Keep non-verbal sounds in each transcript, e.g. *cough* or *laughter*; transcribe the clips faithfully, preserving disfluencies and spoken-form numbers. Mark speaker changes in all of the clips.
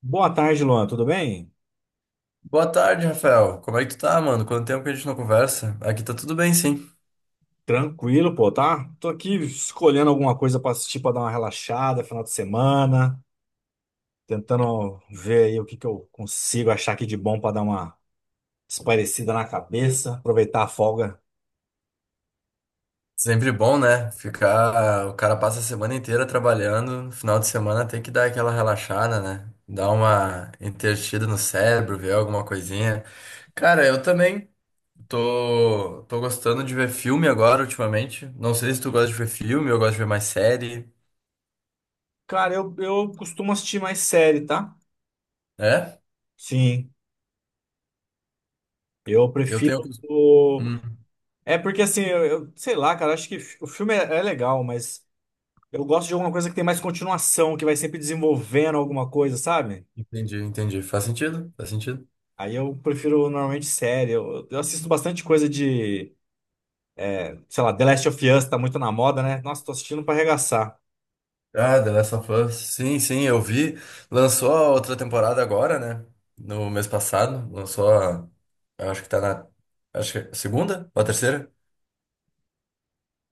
Speaker 1: Boa tarde, Luan. Tudo bem?
Speaker 2: Boa tarde, Rafael. Como é que tu tá, mano? Quanto tempo que a gente não conversa? Aqui tá tudo bem, sim.
Speaker 1: Tranquilo, pô, tá? Tô aqui escolhendo alguma coisa pra assistir pra dar uma relaxada, final de semana, tentando ver aí o que que eu consigo achar aqui de bom pra dar uma espairecida na cabeça, aproveitar a folga.
Speaker 2: Sempre bom, né? Ficar. O cara passa a semana inteira trabalhando, no final de semana tem que dar aquela relaxada, né? Dar uma entretida no cérebro, ver alguma coisinha. Cara, eu também tô, tô gostando de ver filme agora, ultimamente. Não sei se tu gosta de ver filme, eu gosto de ver mais série.
Speaker 1: Cara, eu, eu costumo assistir mais série, tá?
Speaker 2: É?
Speaker 1: Sim, eu
Speaker 2: Eu tenho.
Speaker 1: prefiro o...
Speaker 2: Hum,
Speaker 1: É porque assim, eu, eu- sei lá, cara, acho que fi- o filme é, é legal, mas eu gosto de alguma coisa que tem mais continuação, que vai sempre desenvolvendo alguma coisa, sabe?
Speaker 2: entendi, entendi. Faz sentido? Faz sentido.
Speaker 1: Aí eu prefiro normalmente série. Eu, eu assisto bastante coisa de, é, sei lá, The Last of Us tá muito na moda, né? Nossa, tô assistindo pra arregaçar.
Speaker 2: Ah, The Last of Us. Sim, sim, eu vi. Lançou a outra temporada agora, né? No mês passado. Lançou a. Acho que tá na. Acho que é a segunda ou a terceira?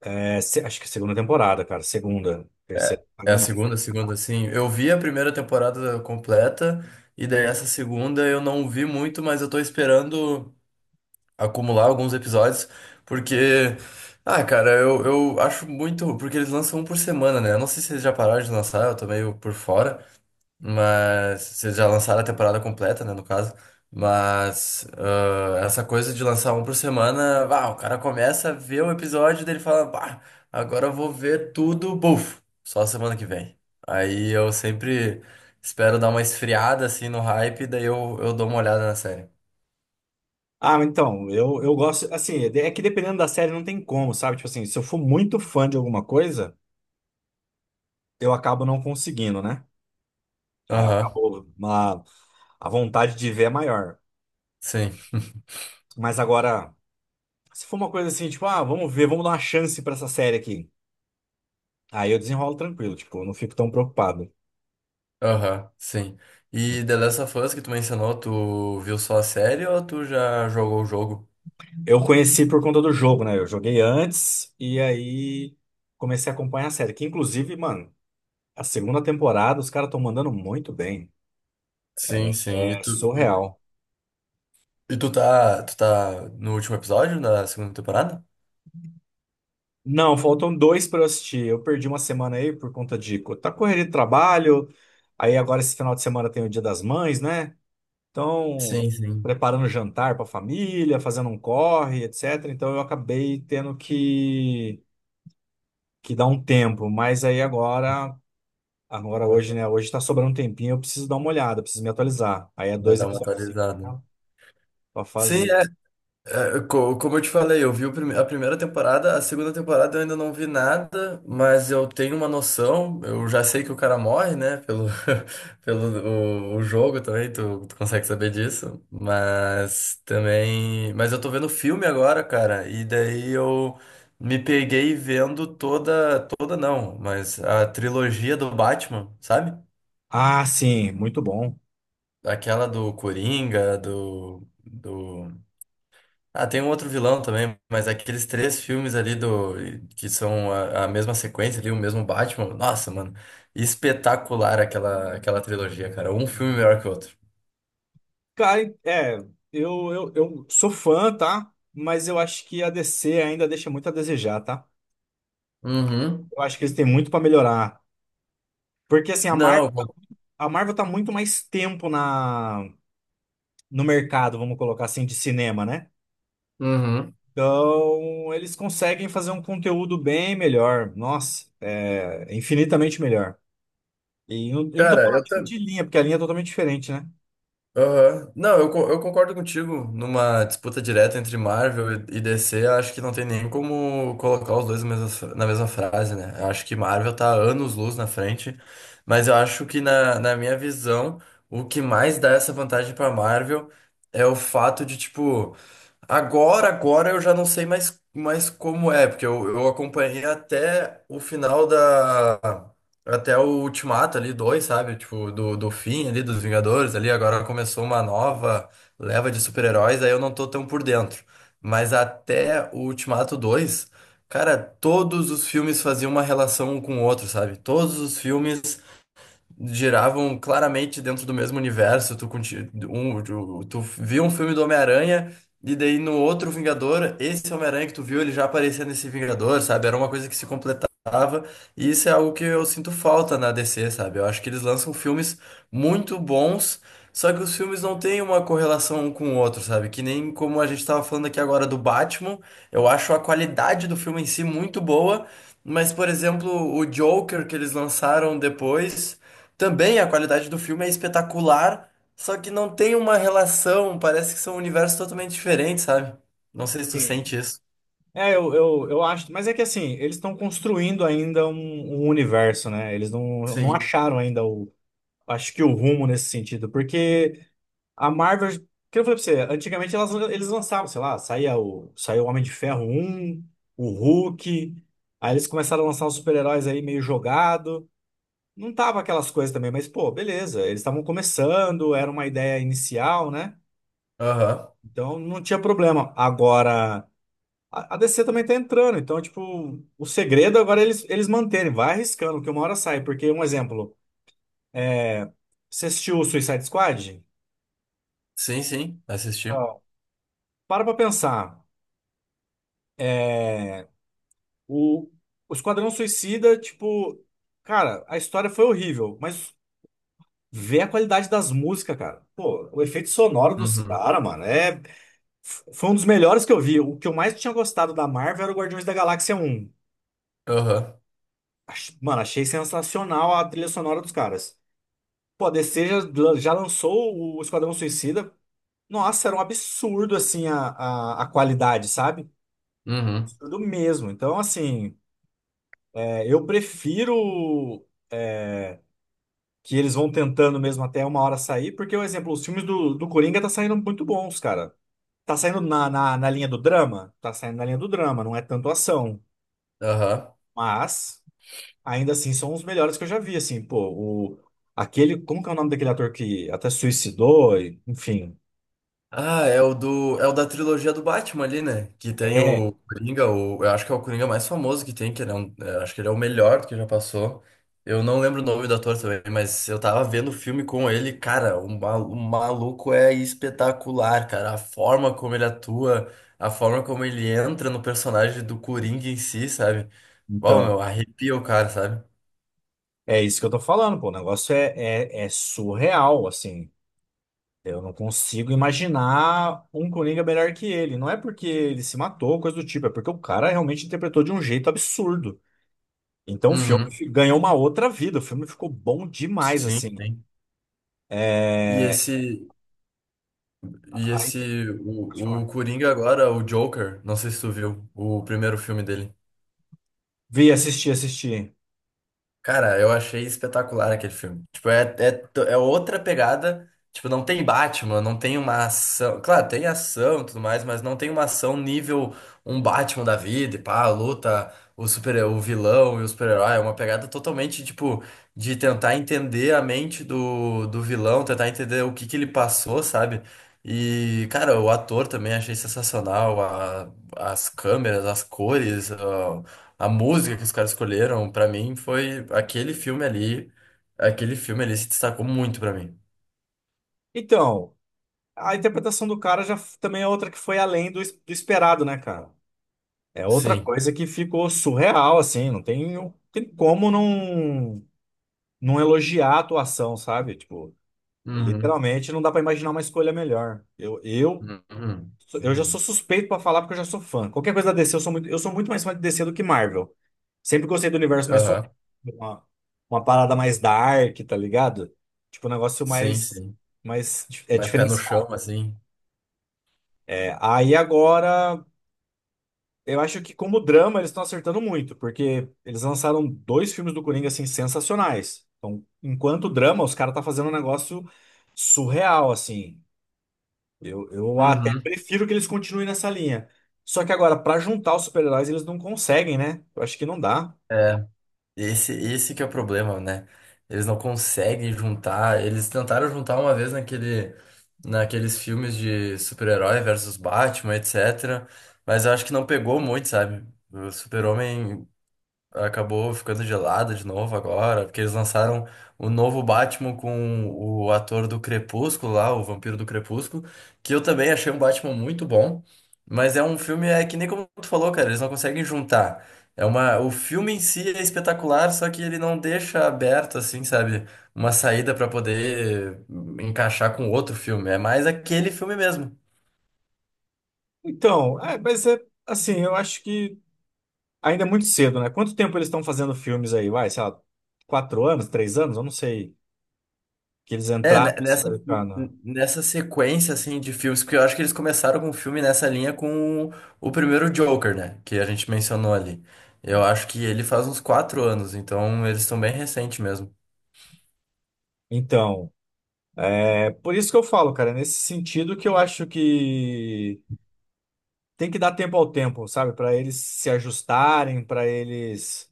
Speaker 1: É, se- acho que é a segunda temporada, cara. Segunda,
Speaker 2: É,
Speaker 1: terceira.
Speaker 2: é
Speaker 1: Ainda
Speaker 2: a
Speaker 1: não.
Speaker 2: segunda, segunda, sim. Eu vi a primeira temporada completa, e daí essa segunda eu não vi muito, mas eu tô esperando acumular alguns episódios, porque. Ah, cara, eu, eu acho muito. Porque eles lançam um por semana, né? Eu não sei se eles já pararam de lançar, eu tô meio por fora. Mas vocês já lançaram a temporada completa, né, no caso. Mas ah, essa coisa de lançar um por semana, ah, o cara começa a ver um episódio dele fala, bah, agora eu vou ver tudo, buf, só semana que vem. Aí eu sempre espero dar uma esfriada assim no hype, daí eu, eu dou uma olhada na série.
Speaker 1: Ah, mas então, eu, eu gosto, assim, é que dependendo da série não tem como, sabe? Tipo assim, se eu for muito fã de alguma coisa, eu acabo não conseguindo, né? Aí
Speaker 2: Aham,
Speaker 1: acabou uma, a vontade de ver é maior.
Speaker 2: sim. *laughs*
Speaker 1: Mas agora, se for uma coisa assim, tipo, ah, vamos ver, vamos dar uma chance pra essa série aqui. Aí eu desenrolo tranquilo, tipo, eu não fico tão preocupado.
Speaker 2: Aham, sim. E The Last of Us que tu mencionou, tu viu só a série ou tu já jogou o jogo?
Speaker 1: Eu conheci por conta do jogo, né? Eu joguei antes e aí comecei a acompanhar a série. Que inclusive, mano, a segunda temporada os caras estão mandando muito bem.
Speaker 2: Sim, sim. E
Speaker 1: É
Speaker 2: tu.
Speaker 1: surreal.
Speaker 2: E tu tá, tu tá no último episódio da segunda temporada?
Speaker 1: Não, faltam dois pra eu assistir. Eu perdi uma semana aí por conta de co- tá correria de trabalho. Aí agora esse final de semana tem o Dia das Mães, né? Então,
Speaker 2: Sim, sim.
Speaker 1: preparando jantar pra família, fazendo um corre, et cetera. Então eu acabei tendo que que dar um tempo, mas aí agora. Agora
Speaker 2: Ah,
Speaker 1: hoje, né? Hoje tá sobrando um tempinho, eu preciso dar uma olhada, preciso me atualizar. Aí é
Speaker 2: vai
Speaker 1: dois
Speaker 2: dar uma
Speaker 1: episódios cinco
Speaker 2: atualizada.
Speaker 1: pra pra
Speaker 2: Sim,
Speaker 1: fazer.
Speaker 2: É, co- como eu te falei, eu vi o prime- a primeira temporada, a segunda temporada eu ainda não vi nada, mas eu tenho uma noção, eu já sei que o cara morre, né? Pelo, *laughs* pelo o, o jogo também, tu, tu consegue saber disso. Mas também. Mas eu tô vendo o filme agora, cara, e daí eu me peguei vendo toda. Toda não, mas a trilogia do Batman, sabe?
Speaker 1: Ah, sim, muito bom.
Speaker 2: Aquela do Coringa, do. Do Ah, tem um outro vilão também, mas aqueles três filmes ali do que são a, a mesma sequência ali, o mesmo Batman. Nossa, mano, espetacular aquela aquela trilogia, cara. Um filme melhor que o outro.
Speaker 1: Cara, é, eu, eu, eu sou fã, tá? Mas eu acho que a D C ainda deixa muito a desejar, tá?
Speaker 2: Uhum.
Speaker 1: Eu acho que eles têm muito pra melhorar. Porque assim, a Marvel,
Speaker 2: Não. eu
Speaker 1: a Marvel tá muito mais tempo na, no mercado, vamos colocar assim, de cinema, né?
Speaker 2: Uhum.
Speaker 1: Então, eles conseguem fazer um conteúdo bem melhor. Nossa, é infinitamente melhor. E eu, eu não tô
Speaker 2: Cara,
Speaker 1: falando
Speaker 2: eu
Speaker 1: nem
Speaker 2: também.
Speaker 1: de linha, porque a linha é totalmente diferente, né?
Speaker 2: Aham. Não, eu, co- eu concordo contigo. Numa disputa direta entre Marvel e e D C, acho que não tem nem como colocar os dois na mesma, na mesma frase, né? Eu acho que Marvel tá anos-luz na frente, mas eu acho que, na, na minha visão, o que mais dá essa vantagem pra Marvel é o fato de, tipo, agora, agora eu já não sei mais, mais como é, porque eu, eu acompanhei até o final até o Ultimato ali, dois, sabe? Tipo, do, do fim ali, dos Vingadores ali, agora começou uma nova leva de super-heróis, aí eu não tô tão por dentro. Mas até o Ultimato dois cara, todos os filmes faziam uma relação um com o outro, sabe? Todos os filmes giravam claramente dentro do mesmo universo. Tu, conti- um, tu, tu viu um filme do Homem-Aranha e daí no outro Vingador, esse Homem-Aranha que tu viu, ele já aparecia nesse Vingador, sabe? Era uma coisa que se completava. E isso é algo que eu sinto falta na D C, sabe? Eu acho que eles lançam filmes muito bons, só que os filmes não têm uma correlação um com o outro, sabe? Que nem como a gente tava falando aqui agora do Batman, eu acho a qualidade do filme em si muito boa. Mas, por exemplo, o Joker que eles lançaram depois também a qualidade do filme é espetacular, só que não tem uma relação, parece que são universos totalmente diferentes, sabe? Não sei se tu
Speaker 1: Sim.
Speaker 2: sente isso.
Speaker 1: É, eu, eu, eu acho. Mas é que assim, eles estão construindo ainda um, um universo, né? Eles não, não
Speaker 2: Sim.
Speaker 1: acharam ainda o. Acho que o rumo nesse sentido. Porque a Marvel. Que eu falei pra você, antigamente elas, eles lançavam, sei lá, saía o, saía o Homem de Ferro um, o Hulk. Aí eles começaram a lançar os super-heróis aí meio jogado. Não tava aquelas coisas também, mas pô, beleza. Eles estavam começando, era uma ideia inicial, né?
Speaker 2: Aham.
Speaker 1: Então não tinha problema. Agora, a, a D C também tá entrando. Então, tipo, o segredo agora é eles, eles manterem. Vai arriscando, que uma hora sai. Porque, um exemplo, é, você assistiu o Suicide Squad?
Speaker 2: Sim, sim, assisti.
Speaker 1: Não. Para pra pensar. É. O, o Esquadrão Suicida, tipo, cara, a história foi horrível, mas vê a qualidade das músicas, cara. Pô, o efeito sonoro dos
Speaker 2: Uhum.
Speaker 1: caras, mano, é. f- Foi um dos melhores que eu vi. O que eu mais tinha gostado da Marvel era o Guardiões da Galáxia um.
Speaker 2: Aham.
Speaker 1: Ach- Mano, achei sensacional a trilha sonora dos caras. Pô, a D C já, já lançou o Esquadrão Suicida. Nossa, era um absurdo, assim, a, a, a qualidade, sabe?
Speaker 2: Uhum.
Speaker 1: Absurdo mesmo. Então, assim, é, eu prefiro que eles vão tentando mesmo até uma hora sair, porque, por exemplo, os filmes do, do Coringa tá saindo muito bons, cara. Tá saindo na, na, na linha do drama? Tá saindo na linha do drama, não é tanto ação.
Speaker 2: Aham.
Speaker 1: Mas ainda assim são os melhores que eu já vi, assim, pô, o aquele, como que é o nome daquele ator que até suicidou, e- enfim.
Speaker 2: Ah, é o do, é o da trilogia do Batman ali, né? Que tem
Speaker 1: É,
Speaker 2: o Coringa, o, eu acho que é o Coringa mais famoso que tem, que ele é um, eu acho que ele é o melhor que já passou. Eu não lembro o nome do ator também, mas eu tava vendo o filme com ele, cara, o, ma- o maluco é espetacular, cara. A forma como ele atua, a forma como ele entra no personagem do Coringa em si, sabe? Uau,
Speaker 1: então,
Speaker 2: meu, arrepia o cara, sabe?
Speaker 1: é isso que eu tô falando, pô, o negócio é, é, é surreal, assim. Eu não consigo imaginar um Coringa melhor que ele. Não é porque ele se matou, coisa do tipo, é porque o cara realmente interpretou de um jeito absurdo. Então o filme
Speaker 2: Uhum.
Speaker 1: fi- ganhou uma outra vida, o filme ficou bom demais,
Speaker 2: Sim,
Speaker 1: assim.
Speaker 2: sim. E
Speaker 1: É...
Speaker 2: esse. E
Speaker 1: Aí,
Speaker 2: esse,
Speaker 1: pode
Speaker 2: o,
Speaker 1: falar.
Speaker 2: o Coringa agora, o Joker, não sei se tu viu o primeiro filme dele.
Speaker 1: Vi, assisti, assisti.
Speaker 2: Cara, eu achei espetacular aquele filme. Tipo, é, é, to- é outra pegada. Tipo, não tem Batman, não tem uma ação. Claro, tem ação e tudo mais, mas não tem uma ação nível um Batman da vida, e pá, luta, o super, o vilão e o super-herói. É uma pegada totalmente, tipo, de tentar entender a mente do, do vilão, tentar entender o que que ele passou, sabe? E, cara, o ator também achei sensacional. A- as câmeras, as cores. A música que os caras escolheram, pra mim, foi aquele filme ali. Aquele filme ali se destacou muito pra mim.
Speaker 1: Então, a interpretação do cara já f- também é outra que foi além do, es- do esperado, né, cara? É outra
Speaker 2: Sim.
Speaker 1: coisa que ficou surreal, assim, não tem, não tem como não, não elogiar a atuação, sabe? Tipo,
Speaker 2: Uhum.
Speaker 1: literalmente não dá pra imaginar uma escolha melhor. Eu, eu,
Speaker 2: Uhum.
Speaker 1: sou- eu já sou
Speaker 2: Uhum.
Speaker 1: suspeito pra falar porque eu já sou fã. Qualquer coisa da D C, eu sou muito, eu sou muito mais fã de D C do que Marvel. Sempre gostei do universo mais sombrio,
Speaker 2: Aham.
Speaker 1: uma, uma parada mais dark, tá ligado? Tipo, um negócio
Speaker 2: Sim,
Speaker 1: mais,
Speaker 2: sim.
Speaker 1: mais dif- é,
Speaker 2: Mais pé no chão,
Speaker 1: diferenciado.
Speaker 2: assim.
Speaker 1: É, aí agora. Eu acho que como drama eles estão acertando muito, porque eles lançaram dois filmes do Coringa assim sensacionais. Então, enquanto drama, os caras tá fazendo um negócio surreal assim. Eu, eu até
Speaker 2: Uhum.
Speaker 1: prefiro que eles continuem nessa linha. Só que agora pra juntar os super-heróis eles não conseguem, né? Eu acho que não dá.
Speaker 2: É. Esse, esse que é o problema, né? Eles não conseguem juntar. Eles tentaram juntar uma vez naquele, naqueles filmes de super-herói versus Batman, etcetera. Mas eu acho que não pegou muito, sabe? O Super-Homem acabou ficando gelada de novo agora, porque eles lançaram o novo Batman com o ator do Crepúsculo lá, o Vampiro do Crepúsculo, que eu também achei um Batman muito bom, mas é um filme é que nem como tu falou, cara, eles não conseguem juntar. É uma, o filme em si é espetacular, só que ele não deixa aberto assim, sabe, uma saída pra poder encaixar com outro filme. É mais aquele filme mesmo.
Speaker 1: Então, é, mas é assim, eu acho que ainda é muito cedo, né? Quanto tempo eles estão fazendo filmes aí? Vai, sei lá, quatro anos, três anos, eu não sei que eles
Speaker 2: É, ne-
Speaker 1: entraram nesse
Speaker 2: nessa,
Speaker 1: mercado.
Speaker 2: n- nessa sequência, assim, de filmes, porque eu acho que eles começaram com um filme nessa linha com o, o primeiro Joker, né? Que a gente mencionou ali. Eu acho que ele faz uns quatro anos, então eles estão bem recentes mesmo.
Speaker 1: Então, por isso que eu falo, cara, é nesse sentido que eu acho que tem que dar tempo ao tempo, sabe? Pra eles se ajustarem, pra eles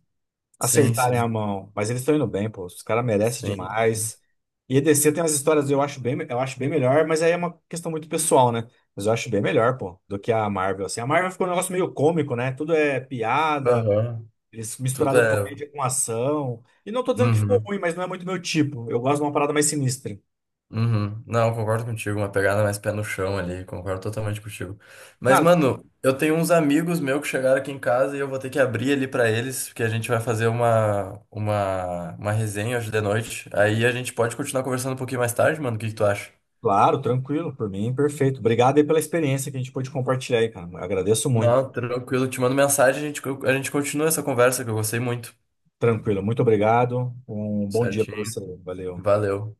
Speaker 2: Sim,
Speaker 1: acertarem
Speaker 2: sim.
Speaker 1: a mão. Mas eles estão indo bem, pô. Os caras merecem
Speaker 2: Sim.
Speaker 1: demais. E EDC tem umas histórias, eu acho bem, eu acho bem melhor, mas aí é uma questão muito pessoal, né? Mas eu acho bem melhor, pô, do que a Marvel. Assim, a Marvel ficou um negócio meio cômico, né? Tudo é piada,
Speaker 2: Aham.
Speaker 1: eles
Speaker 2: Tudo
Speaker 1: misturaram
Speaker 2: é.
Speaker 1: comédia com ação. E não tô dizendo que ficou
Speaker 2: Uhum.
Speaker 1: ruim, mas não é muito meu tipo. Eu gosto de uma parada mais sinistra.
Speaker 2: Uhum. Não, concordo contigo, uma pegada mais pé no chão ali, concordo totalmente contigo. Mas,
Speaker 1: Cara,
Speaker 2: mano, eu tenho uns amigos meus que chegaram aqui em casa e eu vou ter que abrir ali pra eles, porque a gente vai fazer uma, uma, uma resenha hoje de noite. Aí a gente pode continuar conversando um pouquinho mais tarde, mano, o que que tu acha?
Speaker 1: claro, tranquilo, por mim, perfeito. Obrigado aí pela experiência que a gente pôde compartilhar aí, cara. Agradeço muito.
Speaker 2: Não, tranquilo, te mando mensagem, a gente, a gente continua essa conversa que eu gostei muito.
Speaker 1: Tranquilo, muito obrigado. Um bom dia para
Speaker 2: Certinho,
Speaker 1: você. Valeu.
Speaker 2: valeu.